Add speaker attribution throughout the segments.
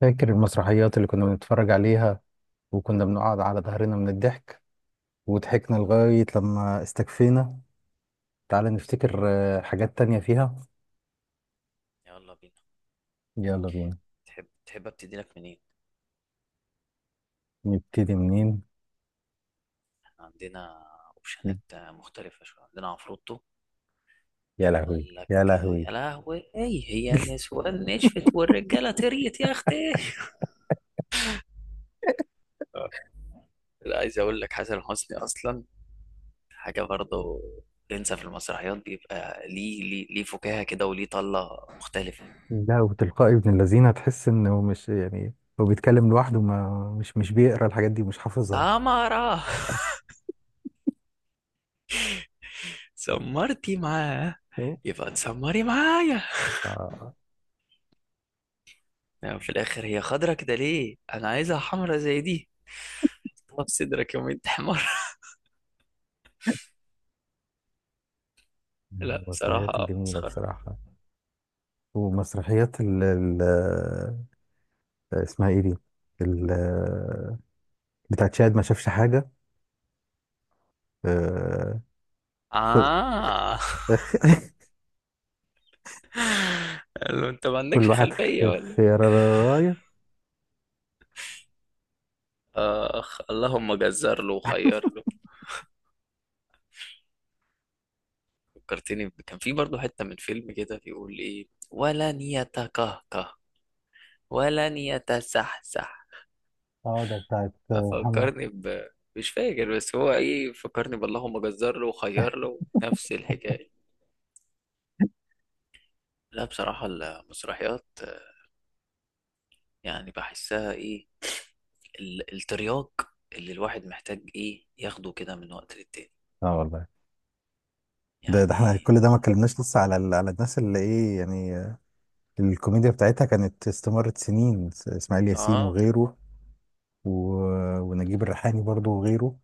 Speaker 1: فاكر المسرحيات اللي كنا بنتفرج عليها، وكنا بنقعد على ظهرنا من الضحك، وضحكنا لغاية لما استكفينا. تعال نفتكر. حاجات تانية فيها.
Speaker 2: يلا بينا.
Speaker 1: يلا بينا.
Speaker 2: تحب ابتدي لك منين؟
Speaker 1: نبتدي منين؟
Speaker 2: احنا عندنا اوبشنات مختلفة شوية. عندنا عفروتو.
Speaker 1: يا لهوي
Speaker 2: قال لك
Speaker 1: يا لهوي.
Speaker 2: يا لهوي ايه هي النسوان نشفت والرجالة تريت يا اختي. لا، عايز اقول لك حسن حسني اصلا حاجة برضه. تنسى في المسرحيات بيبقى ليه فكاهة كده وليه طلة مختلفة.
Speaker 1: لا، وتلقائي ابن الذين، تحس انه مش يعني. هو بيتكلم لوحده، ما مش مش بيقرا الحاجات دي، مش حافظها.
Speaker 2: سمرة، سمرتي معاه،
Speaker 1: شو؟
Speaker 2: يبقى تسمري معايا.
Speaker 1: آه،
Speaker 2: يعني في الاخر هي خضرة كده، ليه انا عايزها حمرة زي دي؟ طب صدرك يوم انت حمار.
Speaker 1: من
Speaker 2: لا
Speaker 1: المسرحيات
Speaker 2: بصراحة
Speaker 1: الجميلة
Speaker 2: مسخرة.
Speaker 1: بصراحة. ومسرحيات اسمها ايه دي؟ ال- آه، بتاعت شاهد ما شافش حاجة. آه، خ-
Speaker 2: آه.
Speaker 1: خ-
Speaker 2: قال له أنت ما
Speaker 1: كل
Speaker 2: عندكش
Speaker 1: واحد
Speaker 2: خلفية ولا إيه؟
Speaker 1: خيرايه.
Speaker 2: آخ، اللهم جزر له وخير له. كان في برضه حتة من فيلم كده بيقول إيه، ولن يتكهكه ولن يتسحسح.
Speaker 1: اه، ده بتاعت محمد.
Speaker 2: ففكرني، مش فاكر بس هو إيه، فكرني باللهم جزر له وخير له، نفس الحكاية. لا بصراحة المسرحيات، يعني بحسها إيه، الترياق اللي الواحد محتاج إيه ياخده كده من وقت للتاني.
Speaker 1: اه والله، ده احنا
Speaker 2: يعني
Speaker 1: كل ده ما اتكلمناش لسه على على الناس اللي ايه يعني. الكوميديا بتاعتها كانت استمرت سنين. اسماعيل ياسين
Speaker 2: اه.
Speaker 1: وغيره، و... ونجيب الريحاني برضو وغيره.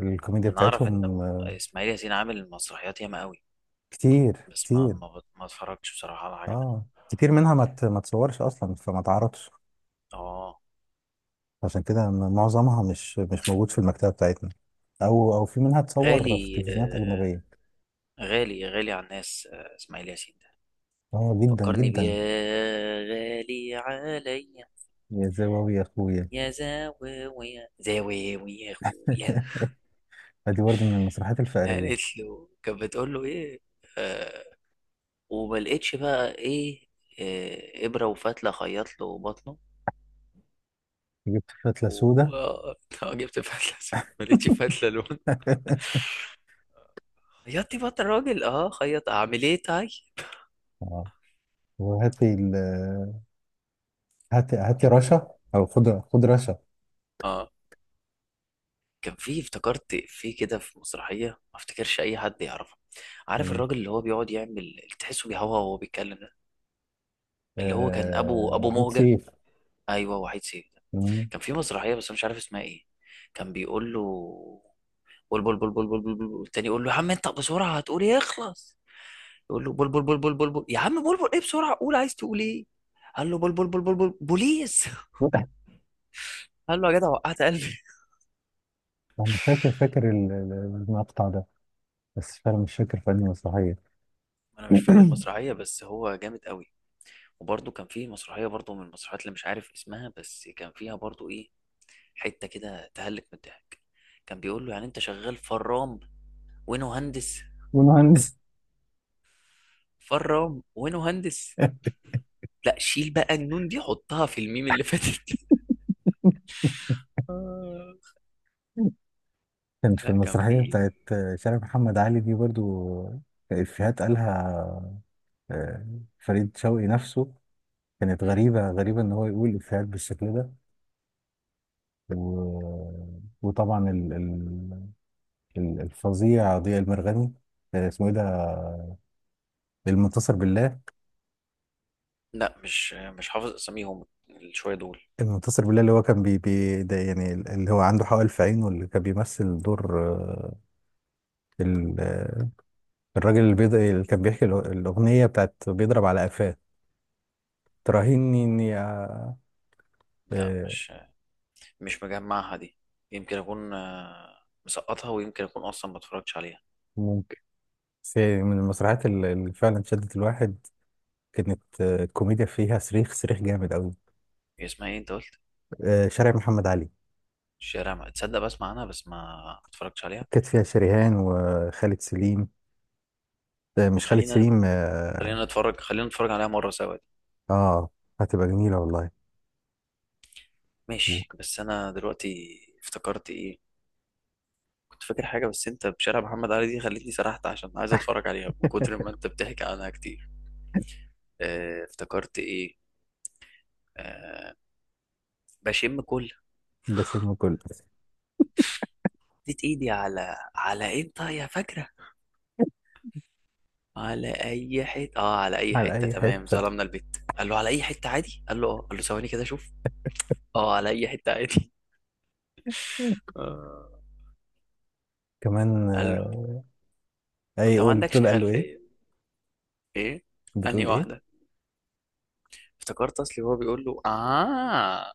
Speaker 1: الكوميديا
Speaker 2: انا اعرف ان
Speaker 1: بتاعتهم.
Speaker 2: اسماعيل ياسين عامل مسرحيات ياما قوي،
Speaker 1: كتير
Speaker 2: بس
Speaker 1: كتير.
Speaker 2: ما اتفرجتش بصراحه على حاجه منها.
Speaker 1: اه، كتير منها ما تصورش اصلا، فما تعرضش.
Speaker 2: اه
Speaker 1: عشان كده معظمها مش موجود في المكتبة بتاعتنا، او في منها تصور في
Speaker 2: غالي
Speaker 1: تلفزيونات اجنبية.
Speaker 2: آه، غالي غالي على الناس، آه اسماعيل ياسين ده
Speaker 1: اه جدا
Speaker 2: فكرني بيه،
Speaker 1: جدا.
Speaker 2: يا غالي عليا.
Speaker 1: يا زواوي يا اخويا.
Speaker 2: يا زاوية يا اخويا.
Speaker 1: ادي برضه من المسرحيات الفقريه.
Speaker 2: قالت له، كانت بتقول له ايه؟ آه، وما لقيتش بقى ايه. آه ابره وفتله خيط له بطنه.
Speaker 1: جبت فتله سودا.
Speaker 2: و جبت فتله، ما لقيتش فتله له. خياطي بقى الراجل، اه خيط، اعمل ايه تاي؟
Speaker 1: اه، وهاتي هاتي هاتي
Speaker 2: كان
Speaker 1: رشا، او خد خد رشا.
Speaker 2: اه، كان في، افتكرت في كده، في مسرحيه ما افتكرش اي حد يعرفه. عارف
Speaker 1: مم.
Speaker 2: الراجل اللي هو بيقعد يعمل اللي تحسه بيهوى وهو بيتكلم ده؟ اللي هو كان ابو
Speaker 1: وحيد
Speaker 2: مهجه،
Speaker 1: سيف.
Speaker 2: ايوه وحيد سيف ده.
Speaker 1: مم.
Speaker 2: كان في مسرحيه بس أنا مش عارف اسمها ايه. كان بيقول له بول بول بول بول بول بول بول، التاني يقول له يا عم انت بسرعه هتقول ايه، اخلص. يقول له بول بول بول بول بول بول، يا عم بول بول ايه، بسرعه قول عايز تقول ايه. قال له بول بول بول بول بول بوليس. قال له يا جدع وقعت قلبي.
Speaker 1: انا فاكر فاكر المقطع ده، بس فعلا مش فاكر في انهي مسرحيه.
Speaker 2: انا مش فاكر المسرحيه بس هو جامد قوي. وبرضه كان فيه مسرحيه، برضه من المسرحيات اللي مش عارف اسمها، بس كان فيها برضه ايه، حته كده تهلك من الضحك. كان بيقول له يعني انت شغال فرام وانا مهندس.
Speaker 1: والمهندس.
Speaker 2: فرام وانا مهندس. لا شيل بقى النون دي حطها في الميم اللي فاتت. آه.
Speaker 1: كانت في
Speaker 2: لا كان
Speaker 1: المسرحيه
Speaker 2: فيه.
Speaker 1: بتاعت شارع محمد علي دي برضو افيهات قالها. آه، فريد شوقي نفسه. كانت
Speaker 2: مم.
Speaker 1: غريبة غريبة إن هو يقول إفيهات بالشكل ده. و... وطبعا الفظيع ضياء المرغني. اسمه إيه ده؟ المنتصر بالله.
Speaker 2: لا مش حافظ اساميهم، شويه دول.
Speaker 1: المنتصر بالله اللي هو كان ده، يعني اللي هو عنده حوالي في عينه، اللي كان بيمثل دور ال... آه، الراجل اللي اللي كان بيحكي الأغنية بتاعت بيضرب على قفاه. تراهني إني
Speaker 2: لا
Speaker 1: آه،
Speaker 2: مش مجمعها دي. يمكن اكون مسقطها، ويمكن اكون اصلا ما اتفرجتش عليها.
Speaker 1: ممكن. بس يعني من المسرحيات اللي فعلا شدت الواحد. كانت الكوميديا فيها صريخ صريخ جامد قوي.
Speaker 2: هي اسمها ايه انت قلت؟
Speaker 1: شارع محمد علي
Speaker 2: الشارع ما تصدق بسمع عنها، بس ما، ما اتفرجتش عليها.
Speaker 1: كانت فيها شريهان وخالد سليم. مش خالد
Speaker 2: خلينا
Speaker 1: سليم، اه.
Speaker 2: خلينا نتفرج عليها مرة سوا دي.
Speaker 1: آه، هتبقى جميلة والله.
Speaker 2: ماشي، بس انا دلوقتي افتكرت ايه. كنت فاكر حاجة بس انت بشارع محمد علي دي خلتني سرحت، عشان عايز اتفرج عليها من كتر ما انت بتحكي عنها كتير. اه افتكرت ايه. اه، بشم كل.
Speaker 1: بشم كله.
Speaker 2: اديت ايدي على، على انت يا فاكرة، على اي حتة. اه على اي
Speaker 1: على
Speaker 2: حتة،
Speaker 1: أي
Speaker 2: تمام،
Speaker 1: حتة.
Speaker 2: ظلمنا البت. قال له على اي حتة عادي. قال له اه، قال له ثواني كده شوف. اه على اي حتة عادي. آه.
Speaker 1: كمان
Speaker 2: قال له
Speaker 1: أي
Speaker 2: انت ما
Speaker 1: قول
Speaker 2: عندكش
Speaker 1: بتقول، قال له إيه؟
Speaker 2: خلفية، ايه انهي
Speaker 1: بتقول إيه؟
Speaker 2: واحدة؟ افتكرت اصلي وهو بيقول له اه،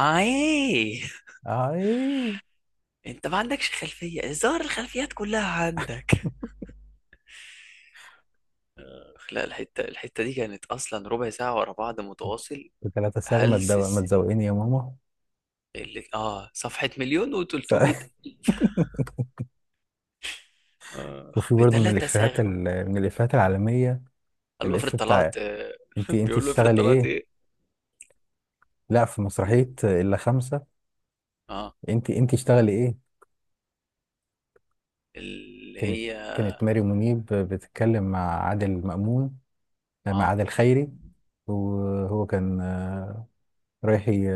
Speaker 2: اه ايه.
Speaker 1: إيه؟
Speaker 2: انت ما عندكش خلفية، ظهر الخلفيات كلها عندك. لا الحتة، الحتة دي كانت اصلا ربع ساعة ورا بعض متواصل.
Speaker 1: 3 صاغ،
Speaker 2: هلس
Speaker 1: ما
Speaker 2: السنين
Speaker 1: تزوقني يا ماما.
Speaker 2: اللي اه صفحة مليون
Speaker 1: ف...
Speaker 2: و300. اخ
Speaker 1: وفي برضه من
Speaker 2: بتلاتة
Speaker 1: الإفيهات
Speaker 2: ساغمة.
Speaker 1: من الإفيهات العالمية.
Speaker 2: قال له افرض
Speaker 1: الإف بتاع
Speaker 2: طلعت
Speaker 1: أنت
Speaker 2: بيقول له افرض
Speaker 1: تشتغلي
Speaker 2: طلعت
Speaker 1: إيه؟
Speaker 2: ايه.
Speaker 1: لا، في مسرحية إلا خمسة،
Speaker 2: اه
Speaker 1: أنت تشتغلي إيه؟
Speaker 2: اللي
Speaker 1: كانت
Speaker 2: هي
Speaker 1: كانت ماري منيب بتتكلم مع عادل مأمون، مع
Speaker 2: اه
Speaker 1: عادل خيري. وهو كان رايح ي-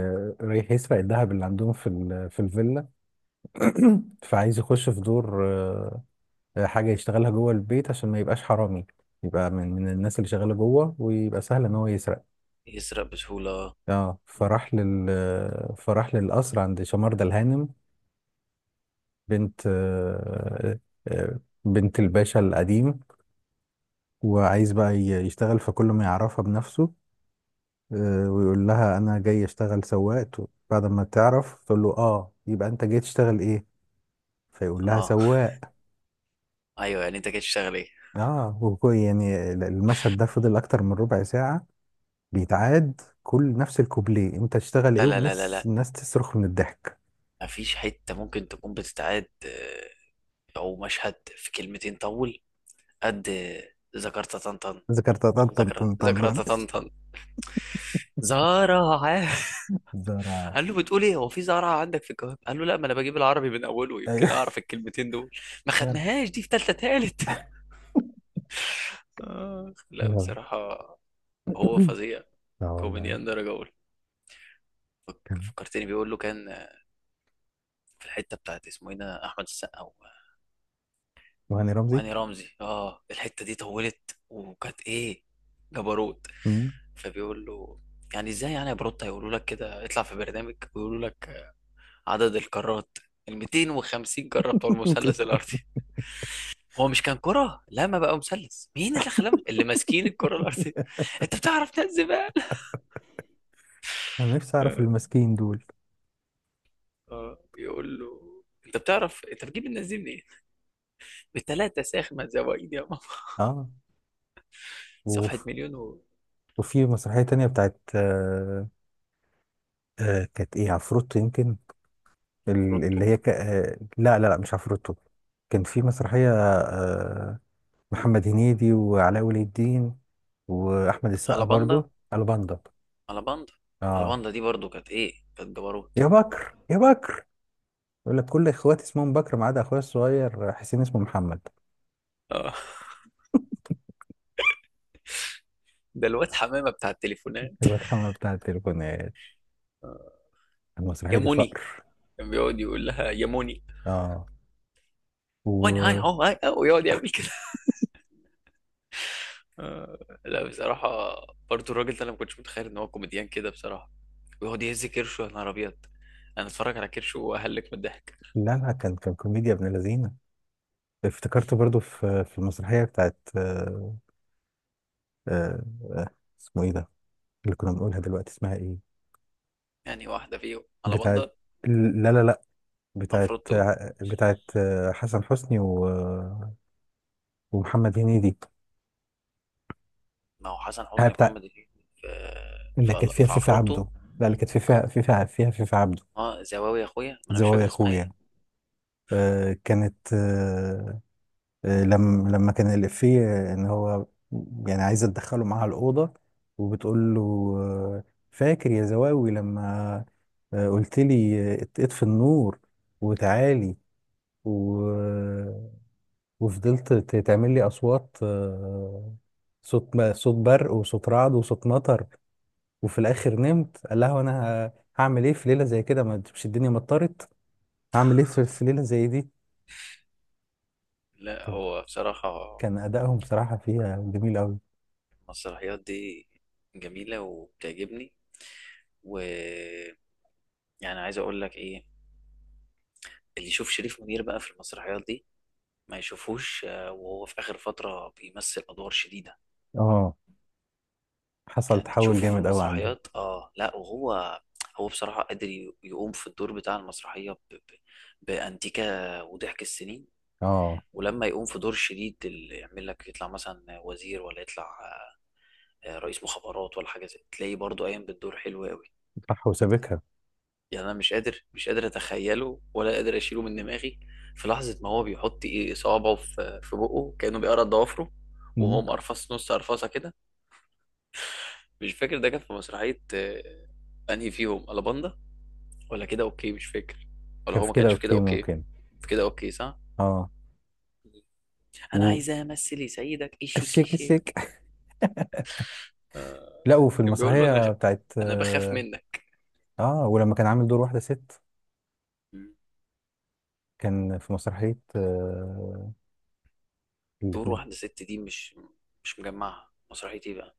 Speaker 1: رايح يسرق الذهب اللي عندهم في في الفيلا. فعايز يخش في دور حاجة يشتغلها جوه البيت عشان ما يبقاش حرامي، يبقى من الناس اللي شغالة جوه ويبقى سهل ان هو يسرق.
Speaker 2: يسرق بسهولة.
Speaker 1: اه، فراح لل آه، فراح للقصر عند شماردة الهانم. بنت آه، آه، آه، بنت الباشا القديم. وعايز بقى يشتغل، فكل ما يعرفها بنفسه. ويقول لها انا جاي اشتغل سواق. بعد ما تعرف تقول له اه، يبقى انت جاي تشتغل ايه، فيقول لها
Speaker 2: اه
Speaker 1: سواق.
Speaker 2: ايوه، يعني انت كده تشتغل ايه؟
Speaker 1: اه، يعني المشهد ده فضل اكتر من ربع ساعة بيتعاد، كل نفس الكوبليه انت تشتغل
Speaker 2: لا
Speaker 1: ايه،
Speaker 2: لا لا لا
Speaker 1: ونفس
Speaker 2: لا
Speaker 1: الناس تصرخ من الضحك.
Speaker 2: مفيش حتة ممكن تكون بتتعاد، أو مشهد في كلمتين طول. قد ذكرت طنطن.
Speaker 1: ذكرت طن طن
Speaker 2: ذكرى
Speaker 1: طن طن
Speaker 2: ذكرى
Speaker 1: طن.
Speaker 2: طنطن. زهرة.
Speaker 1: دراك.
Speaker 2: قال له بتقول ايه، هو في زهرة عندك في الجواب؟ قال له لا، ما انا بجيب العربي من اوله يمكن
Speaker 1: ايوه.
Speaker 2: اعرف الكلمتين دول. ما
Speaker 1: عارف.
Speaker 2: خدناهاش دي في تالتة تالت. آخ، لا
Speaker 1: لا
Speaker 2: بصراحة هو فظيع،
Speaker 1: لا والله.
Speaker 2: كوميديان درجة أولى.
Speaker 1: كان
Speaker 2: فكرتني بيقول له كان في الحتة بتاعت اسمه ايه ده، أحمد السقا
Speaker 1: وهاني رمزي.
Speaker 2: وهاني رمزي. اه الحتة دي طولت وكانت ايه، جبروت.
Speaker 1: مم.
Speaker 2: فبيقول له يعني ازاي يعني يا بروت هيقولوا لك كده، اطلع في برنامج ويقولوا لك عدد الكرات ال 250 كرة بتوع المثلث الارضي. هو مش كان كرة، لا ما بقى مثلث، مين اللي خلاهم اللي ماسكين الكرة الارضية؟ انت بتعرف ناس زبالة.
Speaker 1: انا نفسي اعرف
Speaker 2: اه.
Speaker 1: المسكين دول.
Speaker 2: يقول له انت بتعرف، انت بتجيب الناس دي منين؟ بتلاتة ساخنة زوايد يا ماما.
Speaker 1: اه.
Speaker 2: صفحة
Speaker 1: وف-
Speaker 2: مليون.
Speaker 1: وفي مسرحية تانية بتاعت كانت ايه؟ عفروتو يمكن.
Speaker 2: وفروتو.
Speaker 1: اللي هي ك... آه لا لا لا، مش عفروتو. كان في مسرحية محمد هنيدي وعلاء ولي الدين واحمد السقا
Speaker 2: على باندا
Speaker 1: برضو. الباندا.
Speaker 2: على باندا على
Speaker 1: اه.
Speaker 2: باندا دي برضو كانت ايه، كانت جبروت.
Speaker 1: يا بكر يا بكر، يقول لك كل اخواتي اسمهم بكر ما عدا اخويا الصغير حسين اسمه محمد.
Speaker 2: اه ده الواد حمامه بتاع التليفونات.
Speaker 1: الواد محمد بتاع التليفونات. المسرحية
Speaker 2: يا
Speaker 1: دي
Speaker 2: موني،
Speaker 1: فقر.
Speaker 2: كان بيقعد يقول لها يا موني
Speaker 1: اه.
Speaker 2: وين هاي،
Speaker 1: و
Speaker 2: هو هاي أو ويقعد يعمل كده. لا بصراحه برضو الراجل ده انا ما كنتش متخيل ان هو كوميديان كده بصراحه. ويقعد يهز كرشه يا نهار ابيض، انا اتفرج على كرشه واهلك من الضحك.
Speaker 1: لا لا، كان كوميديا ابن لذينه. افتكرته برضو في المسرحية بتاعت آه آه، اسمه ايه ده؟ اللي كنا بنقولها دلوقتي اسمها ايه؟
Speaker 2: يعني واحده فيهم على
Speaker 1: بتاعت،
Speaker 2: بندر.
Speaker 1: لا لا لا، بتاعت
Speaker 2: عفروتو.
Speaker 1: بتاعت حسن حسني ومحمد هنيدي.
Speaker 2: ما هو حسن
Speaker 1: هي
Speaker 2: حسني ومحمد
Speaker 1: بتاع
Speaker 2: هنيدي في
Speaker 1: اللي كانت
Speaker 2: في
Speaker 1: فيها
Speaker 2: في
Speaker 1: فيفي
Speaker 2: عفروتو.
Speaker 1: عبده. لا، اللي كانت فيها فيفي، فيها فيفي عبده.
Speaker 2: اه زواوي يا اخويا، ما انا مش
Speaker 1: زوايا
Speaker 2: فاكر اسمها ايه.
Speaker 1: اخويا. كانت لما كان الإفيه ان هو يعني عايزه تدخله معاها الأوضة، وبتقول له آه، فاكر يا زواوي لما قلت لي اطفي النور وتعالي. وفضلت تعمل لي اصوات صوت ما صوت برق وصوت رعد وصوت مطر. وفي الاخر نمت. قال لها وانا هعمل ايه في ليله زي كده، ما مش الدنيا مطرت؟ هعمل ايه في ليله زي دي؟
Speaker 2: لا
Speaker 1: كان
Speaker 2: هو بصراحه
Speaker 1: كان ادائهم بصراحه فيها جميل قوي.
Speaker 2: المسرحيات دي جميلة وبتعجبني. و، يعني عايز أقول لك إيه، اللي يشوف شريف منير بقى في المسرحيات دي ما يشوفوش، وهو في آخر فترة بيمثل أدوار شديدة.
Speaker 1: اه، حصل
Speaker 2: يعني
Speaker 1: تحول
Speaker 2: تشوفه في
Speaker 1: جامد قوي عنده.
Speaker 2: المسرحيات آه، لا وهو، هو بصراحة قادر يقوم في الدور بتاع المسرحية بأنتيكا وضحك السنين.
Speaker 1: اه،
Speaker 2: ولما يقوم في دور شديد اللي يعمل لك يطلع مثلا وزير، ولا يطلع رئيس مخابرات ولا حاجة زي، تلاقيه برضه قايم بالدور حلو قوي.
Speaker 1: صح وسابقها.
Speaker 2: يعني انا مش قادر اتخيله ولا قادر اشيله من دماغي. في لحظه ما هو بيحط ايه صوابعه في بقه كانه بيقرا ضوافره. وهو
Speaker 1: مم.
Speaker 2: مقرفص نص قرفصه كده. مش فاكر ده كان في مسرحيه، انهي فيهم، الاباندا ولا كده اوكي، مش فاكر. ولا
Speaker 1: كان
Speaker 2: هو
Speaker 1: في
Speaker 2: ما
Speaker 1: كده
Speaker 2: كانش في كده
Speaker 1: اوكي،
Speaker 2: اوكي.
Speaker 1: ممكن.
Speaker 2: في كده اوكي صح.
Speaker 1: اه.
Speaker 2: انا
Speaker 1: و
Speaker 2: عايزه امثل سيدك ايشي
Speaker 1: الشيك
Speaker 2: كيشي.
Speaker 1: الشيك.
Speaker 2: آه.
Speaker 1: لا، وفي
Speaker 2: كان بيقول له انا،
Speaker 1: المسرحيه بتاعت،
Speaker 2: انا بخاف
Speaker 1: اه
Speaker 2: منك.
Speaker 1: ولما كان عامل دور واحده ست.
Speaker 2: مم.
Speaker 1: كان في مسرحيه
Speaker 2: دور
Speaker 1: اللبنان.
Speaker 2: واحده ست دي، مش مجمعها مسرحيه ايه بقى؟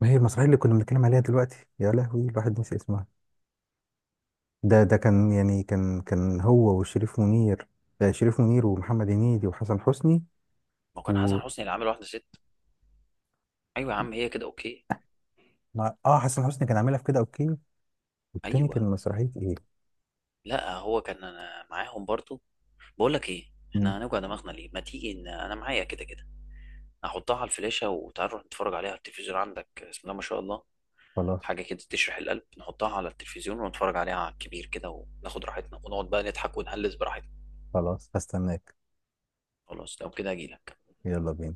Speaker 1: ما هي المسرحية اللي كنا بنتكلم عليها دلوقتي؟ يا لهوي، الواحد نسي اسمها. ده كان، يعني كان هو وشريف منير. شريف منير ومحمد هنيدي وحسن حسني.
Speaker 2: ما هو كان حسن
Speaker 1: و
Speaker 2: حسني اللي عامل واحده ست. ايوه يا عم، هي كده اوكي.
Speaker 1: اه حسن حسني كان عاملها في كده اوكي، والتاني كان
Speaker 2: ايوه.
Speaker 1: مسرحية ايه؟
Speaker 2: لا هو كان انا معاهم برضو. بقول لك ايه،
Speaker 1: مم.
Speaker 2: احنا هنوجع دماغنا ليه، ما تيجي، ان انا معايا كده كده. احطها على الفلاشه وتعال نروح نتفرج عليها على التلفزيون عندك، بسم الله ما شاء الله.
Speaker 1: خلاص.
Speaker 2: حاجه كده تشرح القلب، نحطها على التلفزيون ونتفرج عليها على الكبير كده، وناخد راحتنا ونقعد بقى نضحك ونهلس براحتنا.
Speaker 1: خلاص هستناك.
Speaker 2: خلاص، لو كده اجيلك.
Speaker 1: يلا بينا.